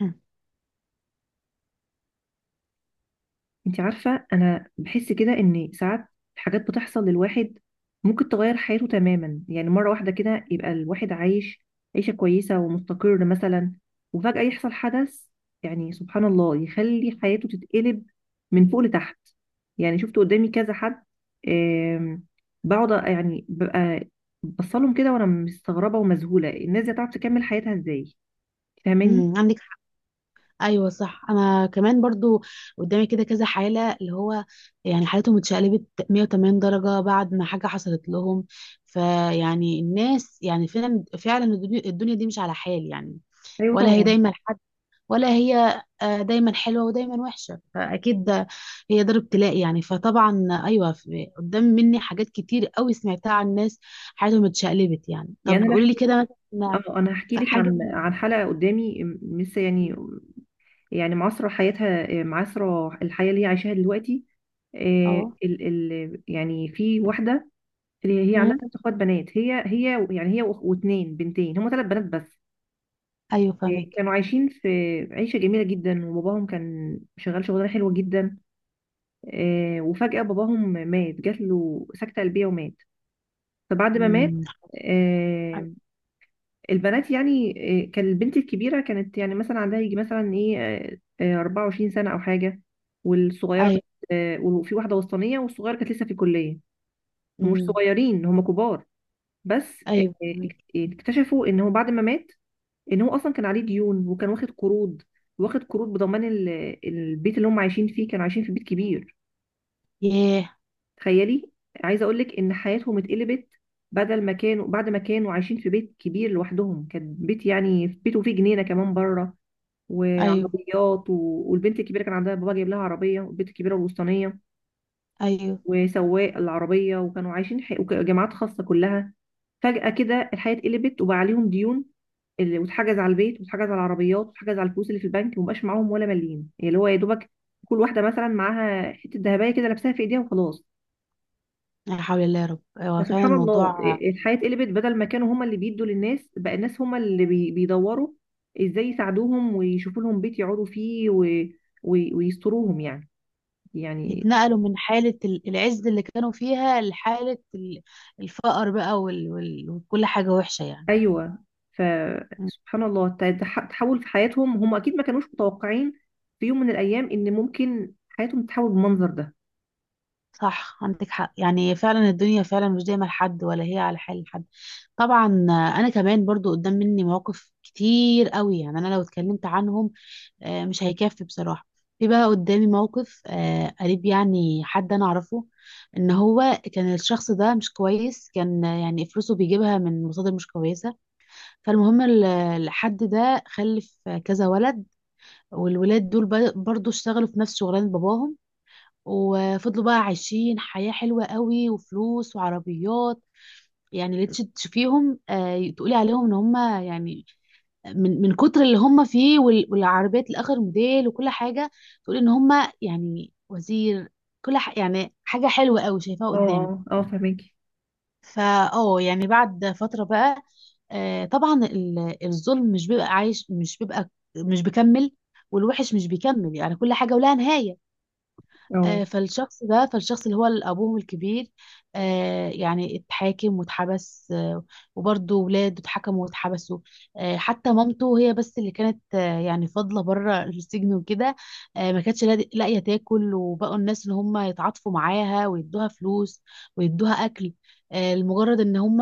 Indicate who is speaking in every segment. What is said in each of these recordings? Speaker 1: مم.
Speaker 2: انت عارفة انا بحس كده ان ساعات حاجات بتحصل للواحد ممكن تغير حياته تماما. يعني مرة واحدة كده يبقى الواحد عايش عيشة كويسة ومستقر مثلا، وفجأة يحصل حدث. يعني سبحان الله يخلي حياته تتقلب من فوق لتحت. يعني شفت قدامي كذا حد. آم، بقعد يعني ببقى بصلهم كده وانا مستغربة ومذهولة. الناس دي هتعرف تكمل حياتها ازاي؟ فاهماني؟
Speaker 1: مم. عندك حق، ايوه صح. انا كمان برضو قدامي كده كذا حاله، اللي هو يعني حالتهم اتشقلبت 180 درجه بعد ما حاجه حصلت لهم. فيعني الناس يعني فعلا فعلا الدنيا دي مش على حال يعني.
Speaker 2: ايوه
Speaker 1: ولا هي
Speaker 2: طبعا.
Speaker 1: دايما حد، ولا هي دايما حلوه ودايما وحشه، فاكيد هي دار ابتلاء. يعني فطبعا ايوه، قدام مني حاجات كتير قوي سمعتها عن ناس حياتهم اتشقلبت. يعني
Speaker 2: يعني
Speaker 1: طب
Speaker 2: انا
Speaker 1: قولي لي
Speaker 2: احكي.
Speaker 1: كده، مثلا
Speaker 2: اه، انا هحكي لك
Speaker 1: حاجه.
Speaker 2: عن حلقه قدامي لسه. يعني يعني معاصره حياتها، معاصره الحياه اللي هي عايشاها دلوقتي. آه،
Speaker 1: اه،
Speaker 2: ال ال يعني في واحده اللي هي عندها ثلاث اخوات بنات. هي يعني هي واتنين بنتين، هم ثلاث بنات بس.
Speaker 1: ايوه فاهمك.
Speaker 2: كانوا عايشين في عيشه جميله جدا، وباباهم كان شغال شغلانه حلوه جدا. وفجاه باباهم مات، جات له سكته قلبيه ومات. فبعد ما مات
Speaker 1: امم. أيوة.
Speaker 2: آه، البنات يعني كان البنت الكبيرة كانت يعني مثلا عندها يجي مثلا ايه، 24 سنة أو حاجة. والصغيرة
Speaker 1: ايوه.
Speaker 2: كانت وفي واحدة وسطانية، والصغيرة كانت لسه في الكلية. هم مش
Speaker 1: امم.
Speaker 2: صغيرين، هم كبار، بس
Speaker 1: ايوه فاهمك.
Speaker 2: اكتشفوا ان هو بعد ما مات، ان هو اصلا كان عليه ديون وكان واخد قروض. واخد قروض بضمان البيت اللي هم عايشين فيه. كانوا عايشين في بيت كبير،
Speaker 1: ياه.
Speaker 2: تخيلي. عايزة اقول لك ان حياتهم اتقلبت. بدل ما كانوا بعد ما كانوا عايشين في بيت كبير لوحدهم، كان بيت، يعني بيته فيه جنينة كمان بره
Speaker 1: ايوه.
Speaker 2: وعربيات والبنت الكبيره كان عندها بابا جايب لها عربيه، والبنت الكبيره الوسطانيه
Speaker 1: ايوه.
Speaker 2: وسواق العربيه، وكانوا عايشين جامعات خاصه كلها. فجاه كده الحياه اتقلبت، وبقى عليهم ديون اللي واتحجز على البيت، واتحجز على العربيات، واتحجز على الفلوس اللي في البنك، ومبقاش معاهم ولا مليم. يعني اللي هو يا دوبك كل واحده مثلا معاها حته ذهبيه كده لابساها في ايديها، وخلاص.
Speaker 1: لا حول الله يا رب، هو فعلا
Speaker 2: فسبحان الله
Speaker 1: الموضوع.
Speaker 2: الحياة اتقلبت. بدل ما كانوا هما اللي بيدوا للناس، بقى الناس هما اللي بيدوروا ازاي يساعدوهم ويشوفوا لهم بيت يقعدوا فيه ويستروهم يعني. يعني
Speaker 1: اتنقلوا من حالة العز اللي كانوا فيها لحالة الفقر بقى، وكل حاجة وحشة يعني.
Speaker 2: ايوه.
Speaker 1: مم.
Speaker 2: فسبحان الله التحول في حياتهم هم اكيد ما كانوش متوقعين في يوم من الايام ان ممكن حياتهم تتحول بالمنظر ده.
Speaker 1: صح، عندك حق. يعني فعلا الدنيا فعلا مش دايما لحد، ولا هي على حال حد. طبعا، انا كمان برضو قدام مني مواقف كتير قوي، يعني انا لو اتكلمت عنهم مش هيكفي بصراحة. في بقى قدامي موقف قريب، يعني حد انا اعرفه، ان هو كان الشخص ده مش كويس، كان يعني فلوسه بيجيبها من مصادر مش كويسة. فالمهم الحد ده خلف كذا ولد، والولاد دول برضو اشتغلوا في نفس شغلانة باباهم، وفضلوا بقى عايشين حياة حلوة قوي وفلوس وعربيات. يعني اللي تشوفيهم تقولي عليهم ان هم يعني من كتر اللي هم فيه، والعربيات لاخر موديل وكل حاجه، تقول ان هم يعني وزير. يعني حاجه حلوه قوي شايفاها
Speaker 2: اه،
Speaker 1: قدامك.
Speaker 2: اه، اه، فهماكي.
Speaker 1: فا اه يعني بعد فتره بقى، آه طبعا الظلم مش بيبقى عايش، مش بيبقى، مش بيكمل، والوحش مش بيكمل، يعني كل حاجه ولها نهايه.
Speaker 2: اه،
Speaker 1: فالشخص ده، فالشخص اللي هو أبوهم الكبير، يعني اتحاكم واتحبس، وبرضه ولاده اتحكموا واتحبسوا. حتى مامته هي بس اللي كانت يعني فاضلة بره السجن وكده. ما كانتش لاقية تاكل، وبقوا الناس اللي هم يتعاطفوا معاها ويدوها فلوس ويدوها أكل. لمجرد إن هم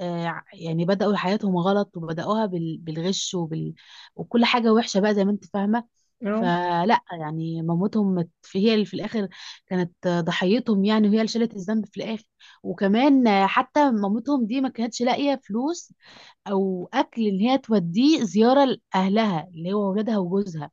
Speaker 1: يعني بدأوا حياتهم غلط وبدأوها بالغش وكل حاجة وحشة بقى زي ما انت فاهمة.
Speaker 2: اه،
Speaker 1: فلا، يعني هي اللي في الاخر كانت ضحيتهم، يعني وهي اللي شالت الذنب في الاخر. وكمان حتى مامتهم دي ما كانتش لاقيه فلوس او اكل ان هي توديه زياره لاهلها اللي هو ولادها وجوزها.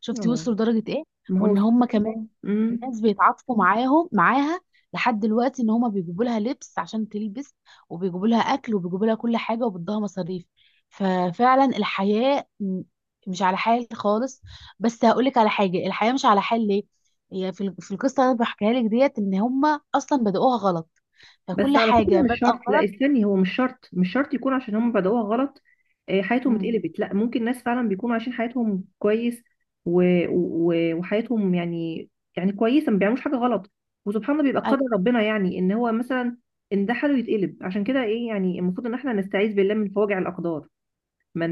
Speaker 1: شفتي
Speaker 2: اه.
Speaker 1: وصلوا لدرجه ايه؟
Speaker 2: ما هو
Speaker 1: وان هم
Speaker 2: سبحان
Speaker 1: كمان
Speaker 2: الله. مم.
Speaker 1: الناس بيتعاطفوا معاها لحد دلوقتي، ان هما بيجيبوا لها لبس عشان تلبس، وبيجيبوا لها اكل، وبيجيبوا لها كل حاجه، وبيدوها مصاريف. ففعلا الحياه مش على حال خالص. بس هقولك على حاجه، الحياه مش على حال ليه. هي في في القصه اللي أنا بحكيها لك ديت، ان هما اصلا بدأوها غلط،
Speaker 2: بس
Speaker 1: فكل
Speaker 2: على فكرة
Speaker 1: حاجه
Speaker 2: مش شرط.
Speaker 1: بادئه
Speaker 2: لا،
Speaker 1: غلط.
Speaker 2: استني، هو مش شرط، مش شرط يكون عشان هم بدأوها غلط حياتهم
Speaker 1: مم.
Speaker 2: اتقلبت. لا، ممكن ناس فعلا بيكونوا عايشين حياتهم كويس و... و... وحياتهم يعني كويسة، ما بيعملوش حاجة غلط، وسبحان الله بيبقى قدر ربنا. يعني ان هو مثلا ان ده حاله يتقلب. عشان كده ايه، يعني المفروض ان احنا نستعيذ بالله من فواجع الأقدار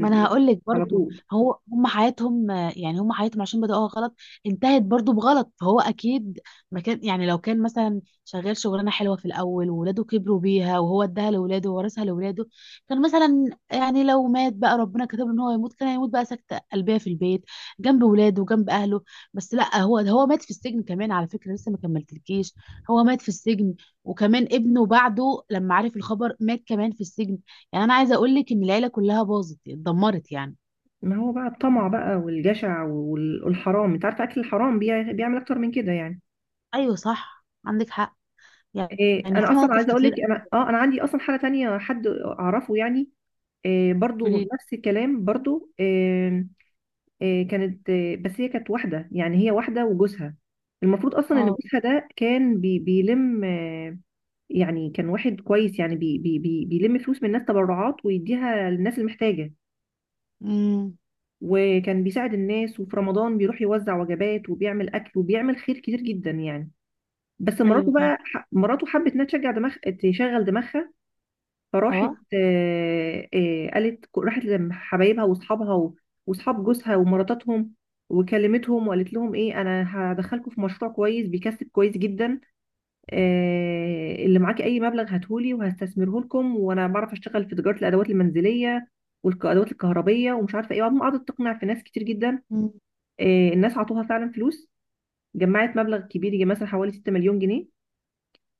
Speaker 1: ما انا هقول لك
Speaker 2: على
Speaker 1: برضو،
Speaker 2: طول.
Speaker 1: هم حياتهم يعني هم حياتهم عشان بدأوها غلط انتهت برضو بغلط. فهو اكيد ما كان، يعني لو كان مثلا شغال شغلانه حلوه في الاول، وولاده كبروا بيها وهو اداها لولاده وورثها لولاده، كان مثلا يعني لو مات بقى، ربنا كتب له ان هو يموت، كان هيموت بقى سكته قلبيه في البيت جنب ولاده وجنب اهله. بس لا، هو مات في السجن كمان، على فكره لسه ما كملتلكيش، هو مات في السجن، وكمان ابنه بعده لما عرف الخبر مات كمان في السجن. يعني انا عايزه اقول لك ان العيله كلها باظت اتدمرت يعني.
Speaker 2: ما هو بقى الطمع بقى، والجشع، والحرام. انت عارفة اكل الحرام بيعمل اكتر من كده يعني.
Speaker 1: ايوه صح عندك حق،
Speaker 2: إيه،
Speaker 1: يعني
Speaker 2: انا
Speaker 1: في
Speaker 2: اصلا
Speaker 1: مواقف
Speaker 2: عايزه اقول
Speaker 1: كتير
Speaker 2: لك، انا
Speaker 1: قوي.
Speaker 2: اه انا عندي اصلا حاله تانية حد اعرفه يعني. إيه برضو
Speaker 1: بتقولي.
Speaker 2: نفس الكلام برضو، إيه، إيه كانت إيه، بس هي كانت واحده. يعني هي واحده وجوزها. المفروض اصلا ان
Speaker 1: اه.
Speaker 2: جوزها ده كان بيلم يعني كان واحد كويس. يعني بي بي بي بيلم فلوس من الناس تبرعات ويديها للناس المحتاجه،
Speaker 1: امم.
Speaker 2: وكان بيساعد الناس، وفي رمضان بيروح يوزع وجبات، وبيعمل اكل، وبيعمل خير كتير جدا يعني. بس
Speaker 1: ايوه
Speaker 2: مراته
Speaker 1: فاهم.
Speaker 2: بقى، مراته حبت انها تشجع دماغ تشغل دماغها. فراحت،
Speaker 1: اه.
Speaker 2: قالت، راحت لحبايبها واصحابها واصحاب جوزها ومراتاتهم، وكلمتهم، وقالت لهم انا هدخلكم في مشروع كويس بيكسب كويس جدا. اللي معاكي اي مبلغ هاتهولي وهستثمره لكم، وانا بعرف اشتغل في تجاره الادوات المنزليه والادوات الكهربيه ومش عارفه ايه. وبعدين قعدت تقنع في ناس كتير جدا.
Speaker 1: امم.
Speaker 2: الناس عطوها فعلا فلوس. جمعت مبلغ كبير، يجي مثلا حوالي 6 مليون جنيه.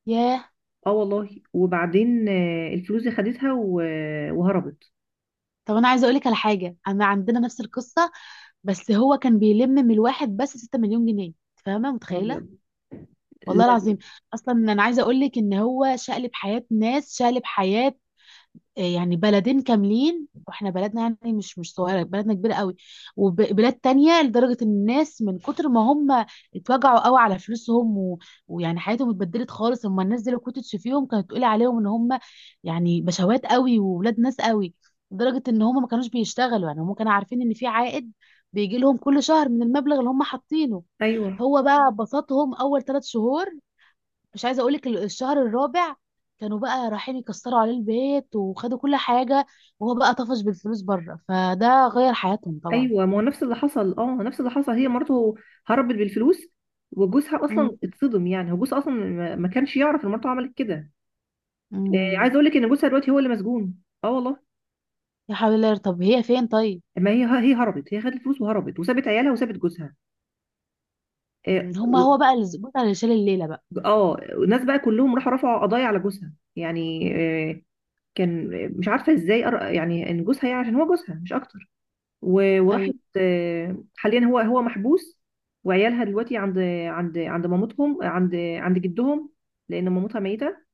Speaker 1: ياه.
Speaker 2: اه والله. وبعدين الفلوس دي خدتها وهربت.
Speaker 1: طب انا عايزه اقول لك على حاجه، انا عندنا نفس القصه، بس هو كان بيلم من الواحد بس 6 مليون جنيه. فاهمه؟
Speaker 2: ربي.
Speaker 1: متخيله؟ والله
Speaker 2: لا.
Speaker 1: العظيم. اصلا انا عايزه اقول لك ان هو شقلب حياه ناس، شقلب حياه يعني بلدين كاملين. واحنا بلدنا يعني مش صغيره، بلدنا كبيره قوي، وبلاد تانية. لدرجه ان الناس من كتر ما هم اتوجعوا قوي على فلوسهم ويعني حياتهم اتبدلت خالص. اما الناس دي لو كنت تشوفيهم كانت تقولي عليهم ان هم يعني بشوات قوي وولاد ناس قوي، لدرجه ان هم ما كانوش بيشتغلوا، يعني هم كانوا عارفين ان في عائد بيجي لهم كل شهر من المبلغ اللي هم حاطينه.
Speaker 2: ايوه،
Speaker 1: هو بقى بسطهم اول 3 شهور، مش عايزه اقولك الشهر الرابع كانوا بقى رايحين يكسروا عليه البيت وخدوا كل حاجه. وهو بقى طفش بالفلوس بره، فده غير حياتهم طبعا.
Speaker 2: ايوه، ما هو نفس اللي حصل. اه، نفس اللي حصل. هي مرته هربت بالفلوس، وجوزها اصلا
Speaker 1: مم.
Speaker 2: اتصدم. يعني هو جوزها اصلا ما كانش يعرف ان مرته عملت كده. عايز
Speaker 1: مم.
Speaker 2: اقول لك ان جوزها دلوقتي هو اللي مسجون. اه والله.
Speaker 1: يا حول الله، طب هي فين طيب؟
Speaker 2: ما هي هربت، هي خدت الفلوس وهربت، وسابت عيالها وسابت جوزها. اه
Speaker 1: مم، هو بقى اللي البطل اللي شال الليله بقى.
Speaker 2: الناس بقى كلهم راحوا رفعوا قضايا على جوزها يعني. آه كان، مش عارفه ازاي، يعني ان جوزها، يعني عشان هو جوزها مش اكتر. وراحت
Speaker 1: ايوه.
Speaker 2: حاليا هو محبوس. وعيالها دلوقتي عند مامتهم، عند جدهم، لان مامتها ميته.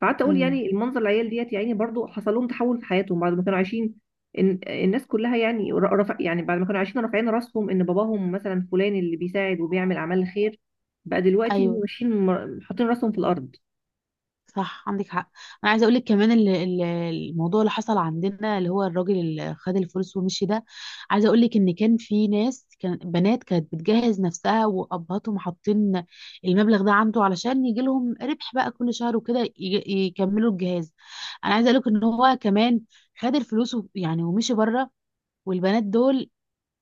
Speaker 2: فقعدت اقول
Speaker 1: مم.
Speaker 2: يعني المنظر، العيال ديت يعني برضو حصل لهم تحول في حياتهم. بعد ما كانوا عايشين إن الناس كلها يعني، رفع، يعني بعد ما كانوا عايشين رافعين راسهم ان باباهم مثلا فلان اللي بيساعد وبيعمل اعمال الخير، بقى دلوقتي هم
Speaker 1: ايوه
Speaker 2: ماشيين حاطين راسهم في الارض.
Speaker 1: صح عندك حق. انا عايزه اقول لك كمان، الموضوع اللي حصل عندنا اللي هو الراجل اللي خد الفلوس ومشي ده. عايزه اقول لك ان كان في ناس، كان بنات كانت بتجهز نفسها، وابهاتهم حاطين المبلغ ده عنده علشان يجي لهم ربح بقى كل شهر وكده يكملوا الجهاز. انا عايزه اقول لك ان هو كمان خد الفلوس يعني ومشي بره، والبنات دول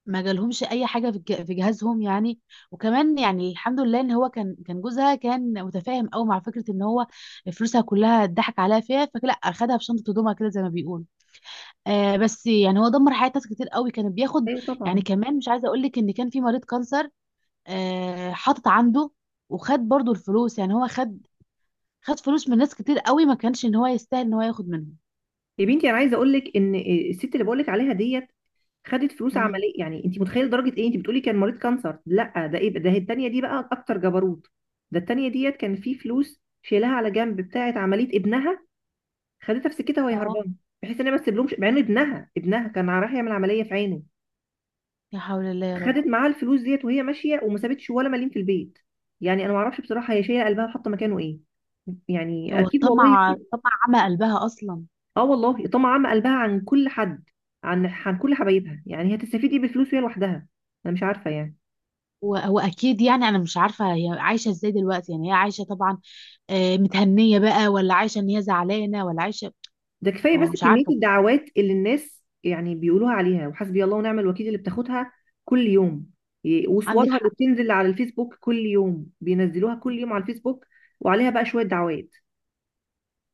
Speaker 1: ما جالهمش اي حاجه في في جهازهم يعني. وكمان يعني الحمد لله ان هو كان جوزها كان متفاهم قوي مع فكره ان هو فلوسها كلها اتضحك عليها فيها، فلا اخدها في شنطه هدومها كده زي ما بيقول. آه بس يعني هو دمر حياه ناس كتير قوي، كان بياخد.
Speaker 2: ايوه
Speaker 1: يعني
Speaker 2: طبعا.
Speaker 1: كمان مش عايزه اقول لك ان كان في مريض كانسر آه حاطط عنده، وخد برضو الفلوس. يعني هو خد فلوس من ناس كتير قوي ما كانش ان هو يستاهل ان هو ياخد منهم.
Speaker 2: يا بنتي انا عايزه اقول لك ان الست اللي بقول لك عليها ديت، خدت فلوس
Speaker 1: مم.
Speaker 2: عمليه. يعني انت متخيله درجه ايه؟ انت بتقولي كان مريض كانسر، لا ده ايه بقى؟ ده التانيه دي بقى اكتر جبروت. ده التانيه ديت كان في فلوس شيلها على جنب بتاعه عمليه ابنها، خدتها في سكتها وهي
Speaker 1: اه
Speaker 2: هربانه، بحيث ان هي ما تسيبلهمش، مع ان ابنها كان رايح يعمل عمليه في عينه.
Speaker 1: يا حول الله يا رب.
Speaker 2: خدت معاها الفلوس ديت وهي ماشيه، وما سابتش ولا مليم في البيت. يعني انا ما اعرفش بصراحه هي شايله قلبها وحاطه مكانه ايه. يعني
Speaker 1: هو
Speaker 2: اكيد والله.
Speaker 1: الطمع، طمع عمى قلبها اصلا.
Speaker 2: اه والله، طمع عامه قلبها عن كل حد، عن كل حبايبها. يعني هتستفيد ايه بالفلوس وهي لوحدها؟ انا مش عارفه يعني.
Speaker 1: واكيد يعني انا مش عارفه هي عايشه ازاي دلوقتي، يعني هي عايشه طبعا، متهنيه بقى، ولا عايشه ان هي زعلانه، ولا عايشه،
Speaker 2: ده كفايه بس
Speaker 1: هو مش
Speaker 2: كميه
Speaker 1: عارفه.
Speaker 2: الدعوات اللي الناس يعني بيقولوها عليها، وحسبي الله ونعم الوكيل اللي بتاخدها كل يوم.
Speaker 1: عندك
Speaker 2: وصورها اللي
Speaker 1: حق.
Speaker 2: بتنزل على الفيسبوك كل يوم، بينزلوها كل يوم على الفيسبوك، وعليها بقى شويه دعوات.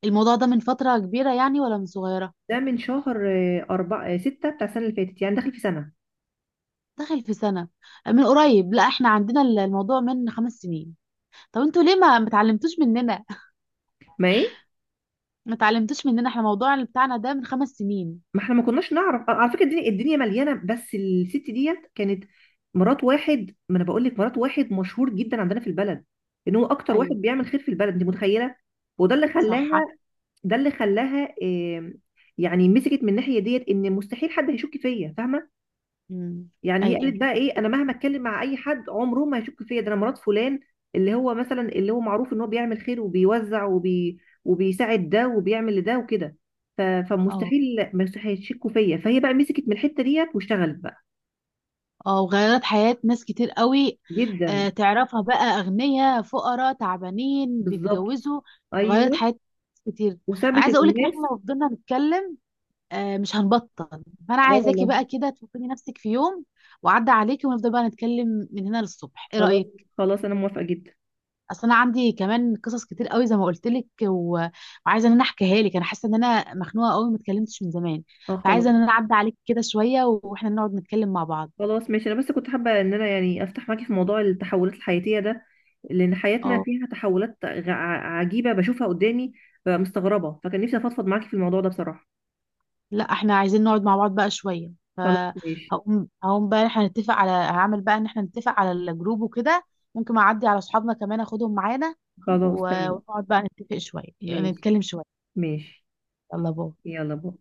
Speaker 1: الموضوع ده من فتره كبيره يعني ولا من صغيره؟
Speaker 2: ده من شهر أربعة ستة بتاع السنة اللي فاتت، يعني داخل في سنة.
Speaker 1: داخل في سنه، من قريب. لا، احنا عندنا الموضوع من 5 سنين. طب انتوا ليه ما متعلمتوش مننا؟
Speaker 2: ما ايه.
Speaker 1: ما اتعلمتوش مننا، احنا الموضوع اللي بتاعنا ده من 5 سنين.
Speaker 2: ما احنا ما كناش نعرف. على فكرة الدنيا الدنيا مليانة. بس الست ديت كانت مرات واحد، ما انا بقول لك مرات واحد مشهور جدا عندنا في البلد، ان هو اكتر واحد
Speaker 1: ايوه
Speaker 2: بيعمل خير في البلد، انت متخيلة. وده اللي
Speaker 1: صح.
Speaker 2: خلاها، ده اللي خلاها يعني مسكت من الناحيه ديت ان مستحيل حد هيشك فيا، فاهمه.
Speaker 1: امم.
Speaker 2: يعني هي
Speaker 1: ايوه.
Speaker 2: قالت بقى ايه، انا مهما اتكلم مع اي حد عمره ما هيشك فيا، ده انا مرات فلان اللي هو مثلا، اللي هو معروف ان هو بيعمل خير وبيوزع وبيساعد ده وبيعمل لده وكده.
Speaker 1: اه.
Speaker 2: فمستحيل، مستحيل يشكوا فيا. فهي بقى مسكت من الحته ديت واشتغلت بقى.
Speaker 1: اه وغيرت حياة ناس كتير قوي.
Speaker 2: جدا.
Speaker 1: آه تعرفها بقى، أغنياء فقراء تعبانين
Speaker 2: بالظبط.
Speaker 1: بيتجوزوا. غيرت
Speaker 2: ايوه.
Speaker 1: حياة ناس كتير. أنا
Speaker 2: وسابت
Speaker 1: عايزة أقولك إن
Speaker 2: الناس.
Speaker 1: إحنا لو فضلنا نتكلم آه مش هنبطل. فأنا
Speaker 2: اه
Speaker 1: عايزاكي
Speaker 2: والله.
Speaker 1: بقى كده تفكري نفسك في يوم وعدى عليكي، ونفضل بقى نتكلم من هنا للصبح، إيه
Speaker 2: خلاص،
Speaker 1: رأيك؟
Speaker 2: خلاص انا موافقه جدا.
Speaker 1: أصل أنا عندي كمان قصص كتير قوي زي ما قلت لك، وعايزة إن أنا أحكيها لك. أنا حاسة إن أنا مخنوقة قوي، ما اتكلمتش من زمان.
Speaker 2: اه، خلاص،
Speaker 1: فعايزة إن أنا أعدي عليك كده شوية وإحنا نقعد نتكلم مع بعض.
Speaker 2: خلاص ماشي. انا بس كنت حابه ان انا يعني افتح معاكي في موضوع التحولات الحياتيه ده، لان حياتنا
Speaker 1: اه،
Speaker 2: فيها تحولات عجيبه بشوفها قدامي. ببقى مستغربه، فكان نفسي افضفض معاكي في الموضوع ده بصراحه.
Speaker 1: لا احنا عايزين نقعد مع بعض بقى شوية.
Speaker 2: خلاص ماشي.
Speaker 1: فهقوم بقى احنا نتفق على هعمل بقى ان احنا نتفق على الجروب وكده. ممكن اعدي على اصحابنا كمان اخدهم معانا
Speaker 2: خلاص
Speaker 1: و-
Speaker 2: تمام.
Speaker 1: ونقعد بقى نتفق شوية،
Speaker 2: ماشي،
Speaker 1: نتكلم شوية.
Speaker 2: ماشي.
Speaker 1: يلا باي.
Speaker 2: يلا باي.